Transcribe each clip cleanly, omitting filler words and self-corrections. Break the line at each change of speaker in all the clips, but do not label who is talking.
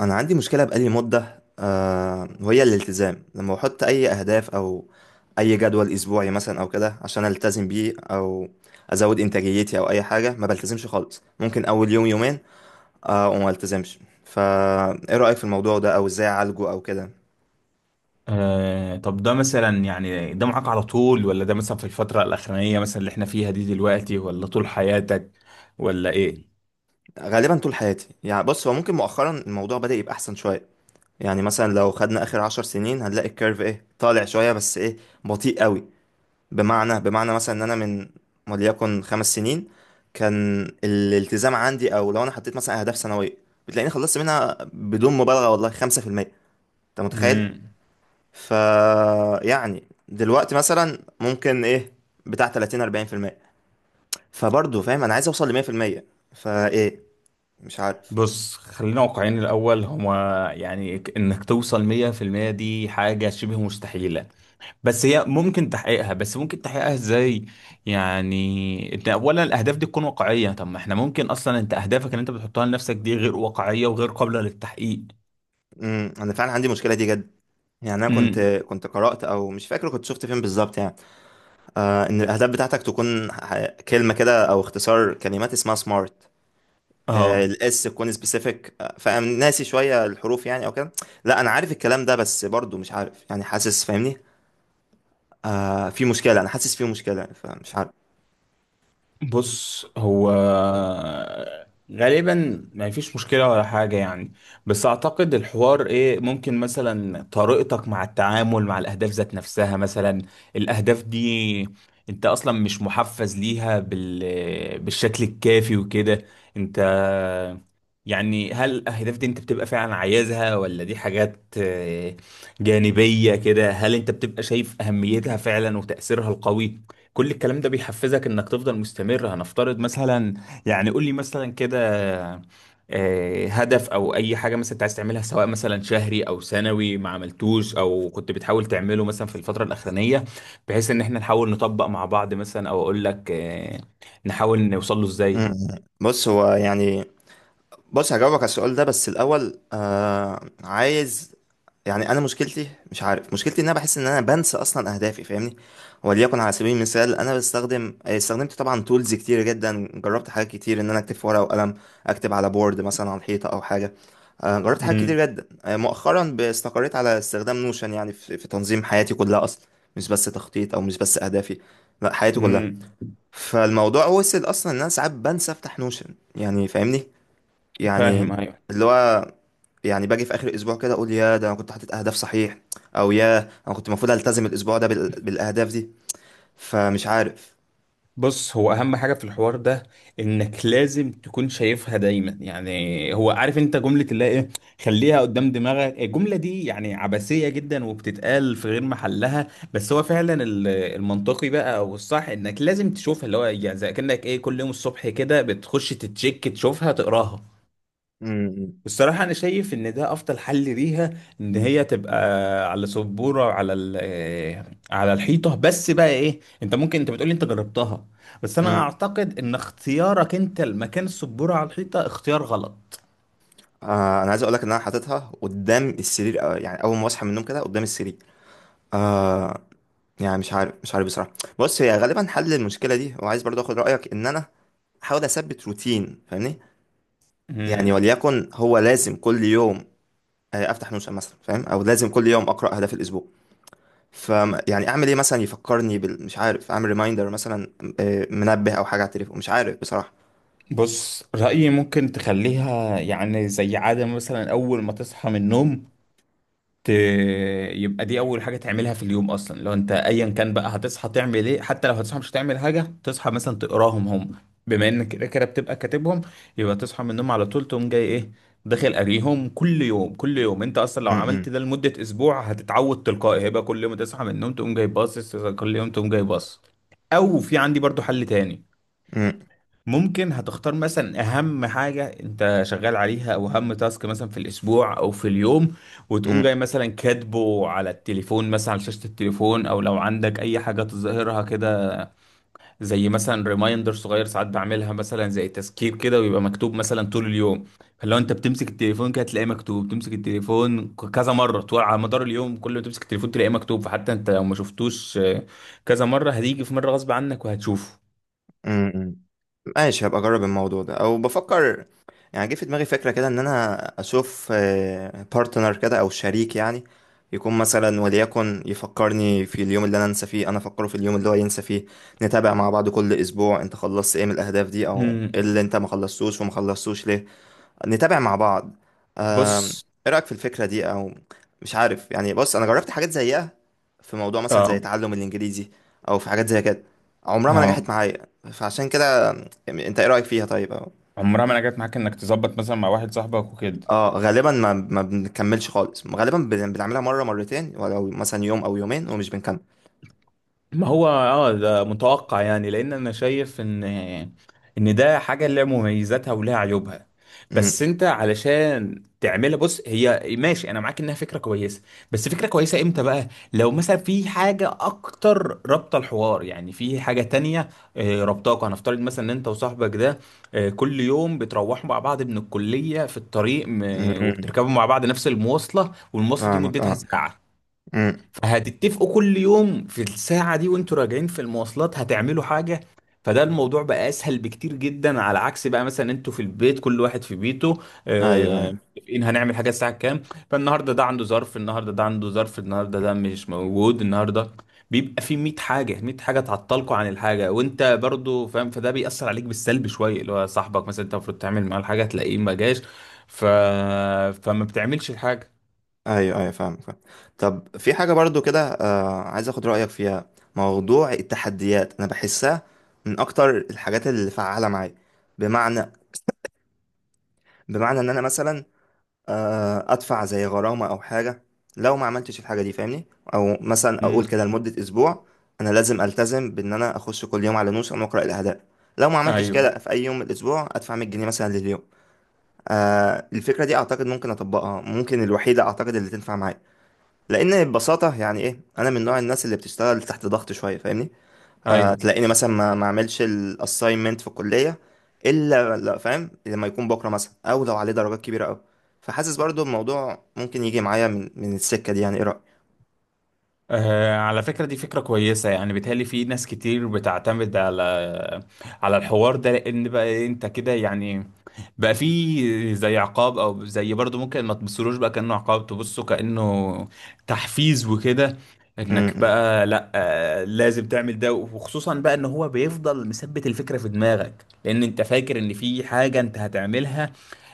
انا عندي مشكله بقالي مده وهي الالتزام. لما بحط اي اهداف او اي جدول اسبوعي مثلا او كده عشان التزم بيه او ازود انتاجيتي او اي حاجه ما بلتزمش خالص. ممكن اول يوم يومين وما التزمش. فا ايه رايك في الموضوع ده او ازاي اعالجه او كده؟
طب ده مثلا ده معاك على طول، ولا ده مثلا في الفترة الأخرانية مثلا اللي احنا فيها دي دلوقتي، ولا طول حياتك ولا ايه؟
غالبا طول حياتي. يعني بص، هو ممكن مؤخرا الموضوع بدأ يبقى احسن شويه. يعني مثلا لو خدنا اخر 10 سنين هنلاقي الكيرف ايه، طالع شويه بس ايه، بطيء قوي. بمعنى مثلا ان انا من وليكن 5 سنين كان الالتزام عندي، او لو انا حطيت مثلا اهداف سنويه بتلاقيني خلصت منها بدون مبالغه والله 5%. انت متخيل؟
مم.
ف يعني دلوقتي مثلا ممكن ايه، بتاع 30 40%. فبرضه فاهم انا عايز اوصل ل 100%. فايه، مش عارف.
بص خلينا واقعيين الأول. هما يعني إنك توصل 100% دي حاجة شبه مستحيلة، بس هي ممكن تحقيقها. بس ممكن تحقيقها إزاي؟ يعني أنت أولا الأهداف دي تكون واقعية. طب ما احنا ممكن أصلا أنت أهدافك اللي أنت بتحطها لنفسك دي غير واقعية وغير قابلة للتحقيق.
انا فعلا عندي المشكله دي جد. يعني انا كنت
امم.
كنت قرات، او مش فاكر كنت شفت فين بالظبط. يعني ان الاهداف بتاعتك تكون كلمه كده او اختصار كلمات اسمها سمارت.
اه.
الاس تكون سبيسيفيك، فانا ناسي شويه الحروف يعني او كده. لا، انا عارف الكلام ده، بس برضو مش عارف يعني، حاسس، فاهمني؟ في مشكله. انا حاسس في مشكله، فمش عارف.
بص، هو غالبا ما فيش مشكلة ولا حاجة يعني، بس أعتقد الحوار إيه، ممكن مثلا طريقتك مع التعامل مع الأهداف ذات نفسها. مثلا الأهداف دي أنت أصلا مش محفز ليها بال... بالشكل الكافي وكده. أنت يعني هل الأهداف دي أنت بتبقى فعلا عايزها، ولا دي حاجات جانبية كده؟ هل أنت بتبقى شايف أهميتها فعلا وتأثيرها القوي؟ كل الكلام ده بيحفزك انك تفضل مستمر. هنفترض مثلا، يعني قول لي مثلا كده هدف او اي حاجه مثلا انت عايز تعملها، سواء مثلا شهري او سنوي، ما عملتوش او كنت بتحاول تعمله مثلا في الفتره الاخرانيه، بحيث ان احنا نحاول نطبق مع بعض مثلا، او اقول لك نحاول نوصل له ازاي.
مم. بص هو يعني، بص هجاوبك على السؤال ده بس الاول. عايز يعني، انا مشكلتي، مش عارف مشكلتي. ان انا بحس ان انا بنسى اصلا اهدافي، فاهمني؟ وليكن على سبيل المثال انا بستخدم، استخدمت طبعا تولز كتير جدا. جربت حاجات كتير، ان انا اكتب في ورقه وقلم، اكتب على بورد مثلا على الحيطه او حاجه. جربت حاجات
امم.
كتير جدا. مؤخرا استقريت على استخدام نوشن يعني في تنظيم حياتي كلها اصلا. مش بس تخطيط او مش بس اهدافي، لا، حياتي كلها.
امم.
فالموضوع وصل اصلا ان انا ساعات بنسى افتح نوشن يعني، فاهمني؟ يعني
فاهم، ايوه.
اللي هو، يعني باجي في اخر الاسبوع كده اقول يا ده انا كنت حاطط اهداف صحيح، او يا انا كنت المفروض التزم الاسبوع ده بالاهداف دي. فمش عارف.
بص، هو اهم حاجه في الحوار ده انك لازم تكون شايفها دايما. يعني هو عارف انت جمله اللي هي ايه، خليها قدام دماغك. الجمله دي يعني عبثيه جدا وبتتقال في غير محلها، بس هو فعلا المنطقي بقى او الصح انك لازم تشوفها، اللي هو يعني زي كانك ايه، كل يوم الصبح كده بتخش تتشيك، تشوفها، تقراها.
امم.
الصراحة أنا شايف إن ده أفضل حل ليها، إن هي تبقى على سبورة، على على الحيطة. بس بقى إيه، أنت ممكن أنت بتقولي أنت جربتها، بس أنا
امم.
أعتقد إن اختيارك أنت لمكان السبورة على الحيطة اختيار غلط.
انا عايز اقول لك ان انا حاططها قدام السرير. يعني اول ما اصحى من النوم كده قدام السرير. آه. يعني مش عارف، مش عارف بصراحه. بص، هي غالبا حل المشكله دي. وعايز برضو اخد رايك، ان انا احاول اثبت روتين، فاهمني؟ يعني
مم.
وليكن هو لازم كل يوم افتح نوشن مثلا، فاهم؟ او لازم كل يوم اقرا اهداف الاسبوع. ف يعني اعمل ايه مثلا يفكرني مش عارف. اعمل ريمايندر مثلا، منبه او حاجه على التليفون، مش عارف بصراحه.
بص رأيي ممكن تخليها يعني زي عادة، مثلا أول ما تصحى من النوم ت... يبقى دي اول حاجه تعملها في اليوم اصلا. لو انت ايا كان بقى هتصحى تعمل ايه، حتى لو هتصحى مش هتعمل حاجه، تصحى مثلا تقراهم هم، بما انك كده كده بتبقى كاتبهم. يبقى تصحى من النوم على طول تقوم جاي ايه، داخل قاريهم كل يوم كل يوم. انت اصلا لو
م-
عملت
م-
ده لمده اسبوع هتتعود تلقائي، هيبقى كل يوم تصحى من النوم تقوم جاي باصص، كل يوم تقوم جاي باصص. او في عندي برضو حل تاني.
م-
ممكن هتختار مثلا اهم حاجة انت شغال عليها، او اهم تاسك مثلا في الاسبوع او في اليوم، وتقوم
م-
جاي مثلا كاتبه على التليفون، مثلا على شاشة التليفون او لو عندك اي حاجة تظهرها كده، زي مثلا ريمايندر صغير. ساعات بعملها مثلا، زي تذكير كده، ويبقى مكتوب مثلا طول اليوم. فلو انت بتمسك التليفون كده تلاقيه مكتوب، تمسك التليفون كذا مرة طول على مدار اليوم، كل ما تمسك التليفون تلاقيه مكتوب، فحتى انت لو ما شفتوش كذا مرة هتيجي في مرة غصب عنك وهتشوفه.
م. ماشي، هبقى اجرب الموضوع ده. او بفكر، يعني جه في دماغي فكره كده، ان انا اشوف بارتنر كده او شريك يعني، يكون مثلا وليكن يفكرني في اليوم اللي انا انسى فيه، انا افكره في اليوم اللي هو ينسى فيه. نتابع مع بعض كل اسبوع انت خلصت ايه من الاهداف دي، او إيه
مم.
اللي انت ما خلصتوش وما خلصتوش ليه. نتابع مع بعض. آم،
بص.
ايه رأيك في الفكرة دي او مش عارف يعني؟ بص، انا جربت حاجات زيها في موضوع مثلا زي
اه.
تعلم الانجليزي او في حاجات زي كده، عمرها ما نجحت
اه.
معايا. فعشان كده، يعني انت ايه رأيك فيها طيب أو.
عمرها ما انا جت معاك انك تظبط مثلا مع واحد صاحبك وكده.
اه، غالبا ما بنكملش خالص. غالبا بنعملها مرة مرتين، ولو مثلا يوم او يومين ومش بنكمل.
ما هو اه ده متوقع يعني، لان انا شايف ان ده حاجه لها مميزاتها ولها عيوبها، بس
امم.
انت علشان تعملها، بص، هي ماشي انا معاك انها فكره كويسه، بس فكره كويسه امتى بقى؟ لو مثلا في حاجه اكتر رابطه الحوار، يعني في حاجه تانية رابطاكوا. هنفترض مثلا ان انت وصاحبك ده كل يوم بتروحوا مع بعض من الكليه في الطريق
امم.
وبتركبوا مع بعض نفس المواصله، والمواصله دي
فاهمك،
مدتها
اه.
ساعه.
امم.
هتتفقوا كل يوم في الساعة دي وانتوا راجعين في المواصلات هتعملوا حاجة، فده الموضوع بقى اسهل بكتير جدا، على عكس بقى مثلا انتوا في البيت كل واحد في بيته
ايوه، ايوه.
متفقين هنعمل حاجة الساعة كام. فالنهاردة ده عنده ظرف، النهاردة ده عنده ظرف، النهاردة ده مش موجود، النهاردة بيبقى في 100 حاجة، 100 حاجة تعطلكوا عن الحاجة، وانت برضو فاهم، فده بيأثر عليك بالسلب شوية. اللي هو صاحبك مثلا انت المفروض تعمل معاه الحاجة تلاقيه ما جاش، ف... فما بتعملش الحاجة.
ايوه، ايوه، فاهم، فاهم. طب في حاجه برضو كده، عايز اخد رايك فيها. موضوع التحديات انا بحسها من اكتر الحاجات اللي فعاله معايا. بمعنى، ان انا مثلا ادفع زي غرامه او حاجه لو ما عملتش الحاجه دي، فاهمني؟ او مثلا اقول
مم.
كده لمده اسبوع، انا لازم التزم بان انا اخش كل يوم على نوشن واقرا الاهداف. لو ما عملتش
ايوه،
كده في اي يوم من الاسبوع ادفع 100 جنيه مثلا لليوم. الفكره دي اعتقد ممكن اطبقها. ممكن الوحيده اعتقد اللي تنفع معايا، لان ببساطه يعني ايه، انا من نوع الناس اللي بتشتغل تحت ضغط شويه، فاهمني؟
ايوه.
تلاقيني مثلا ما اعملش الاساينمنت في الكليه الا، لا فاهم، لما يكون بكره مثلا او لو عليه درجات كبيره قوي. فحاسس برضو الموضوع ممكن يجي معايا من السكه دي، يعني ايه رايك؟
على فكرة دي فكرة كويسة، يعني بيتهيألي في ناس كتير بتعتمد على، على الحوار ده، لأن بقى إيه، أنت كده يعني بقى في زي عقاب، أو زي برضو ممكن ما تبصلوش بقى كأنه عقاب، تبصه كأنه تحفيز وكده. إنك
امم.
بقى لأ لازم تعمل ده، وخصوصا بقى إن هو بيفضل مثبت الفكرة في دماغك، لأن أنت فاكر إن في حاجة أنت هتعملها،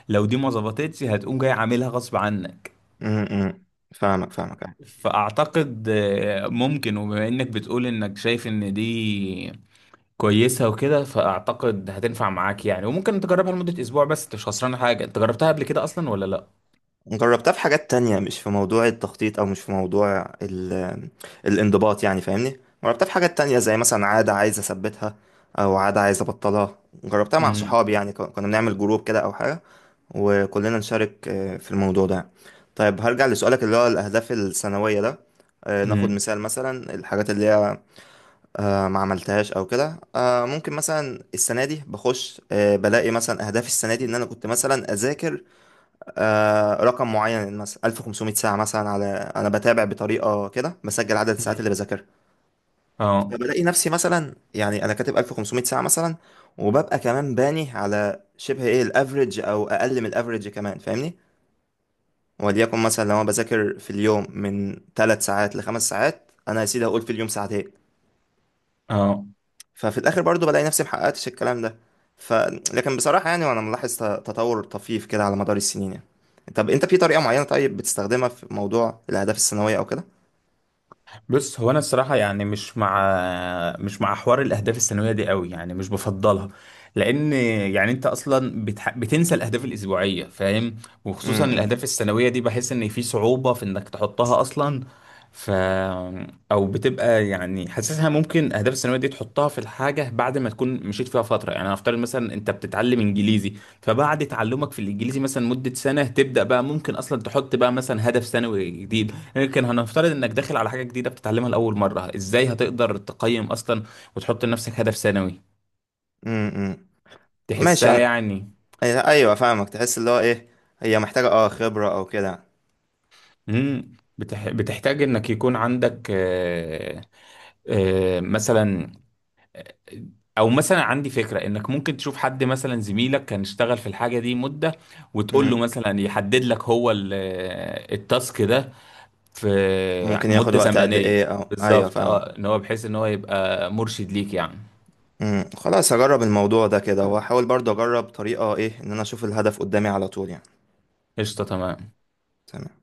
لو دي ما ظبطتش هتقوم جاي عاملها غصب عنك.
امم. فاهمك، فاهمك.
فأعتقد ممكن، وبما إنك بتقول إنك شايف إن دي كويسة وكده، فأعتقد هتنفع معاك يعني، وممكن تجربها لمدة أسبوع. بس أنت مش خسران حاجة، أنت جربتها قبل كده أصلا ولا لأ؟
جربتها في حاجات تانية، مش في موضوع التخطيط أو مش في موضوع الانضباط يعني، فاهمني؟ جربتها في حاجات تانية زي مثلا عادة عايز أثبتها أو عادة عايز أبطلها. جربتها مع
مم.
صحابي، يعني كنا بنعمل جروب كده أو حاجة، وكلنا نشارك في الموضوع ده. طيب هرجع لسؤالك اللي هو الأهداف السنوية ده. ناخد
مم.
مثال مثلا الحاجات اللي هي ما عملتهاش أو كده. ممكن مثلا السنة دي بخش بلاقي مثلا أهدافي السنة دي إن أنا كنت مثلا أذاكر رقم معين مثلا 1500 ساعة مثلا على. أنا بتابع بطريقة كده، بسجل عدد الساعات اللي
مم.
بذاكرها.
اه.
فبلاقي نفسي مثلا يعني أنا كاتب 1500 ساعة مثلا، وببقى كمان باني على شبه إيه الأفريج أو أقل من الأفريج كمان، فاهمني؟ وليكن مثلا لو أنا بذاكر في اليوم من 3 ساعات لخمس ساعات، أنا يا سيدي هقول في اليوم ساعتين.
اه.
ففي الاخر برضو بلاقي نفسي محققتش الكلام ده. ف لكن بصراحه يعني، وانا ملاحظ تطور طفيف كده على مدار السنين يعني. طب انت في طريقه معينه طيب بتستخدمها في موضوع الاهداف السنويه او كده؟
بص، هو انا الصراحه يعني مش مع، مش مع حوار الاهداف السنويه دي قوي، يعني مش بفضلها، لان يعني انت اصلا بتنسى الاهداف الاسبوعيه، فاهم، وخصوصا
امم.
الاهداف السنويه دي بحس ان في صعوبه في انك تحطها اصلا. ف او بتبقى يعني حاسسها، ممكن الاهداف السنويه دي تحطها في الحاجه بعد ما تكون مشيت فيها فتره. يعني هنفترض مثلا انت بتتعلم انجليزي، فبعد تعلمك في الانجليزي مثلا مده سنه تبدا بقى ممكن اصلا تحط بقى مثلا هدف سنوي جديد. لكن هنفترض انك داخل على حاجه جديده بتتعلمها لاول مره، ازاي هتقدر تقيم اصلا وتحط لنفسك هدف سنوي؟
امم. ماشي.
تحسها
انا،
يعني.
ايوه فاهمك. تحس اللي هو ايه، هي محتاجه اه خبره او كده.
امم. بتحتاج انك يكون عندك مثلا، او مثلا عندي فكره انك ممكن تشوف حد مثلا زميلك كان اشتغل في الحاجه دي مده، وتقول له
امم.
مثلا يحدد لك هو التاسك ده في
ممكن ياخد
مده
وقت قد
زمنيه.
ايه او، ايوه
بالظبط،
فاهمك.
اه، ان هو بحيث ان هو يبقى مرشد ليك يعني.
امم. خلاص هجرب الموضوع ده كده، واحاول برضو اجرب طريقه ايه ان انا اشوف الهدف قدامي على طول يعني.
قشطه تمام.
تمام.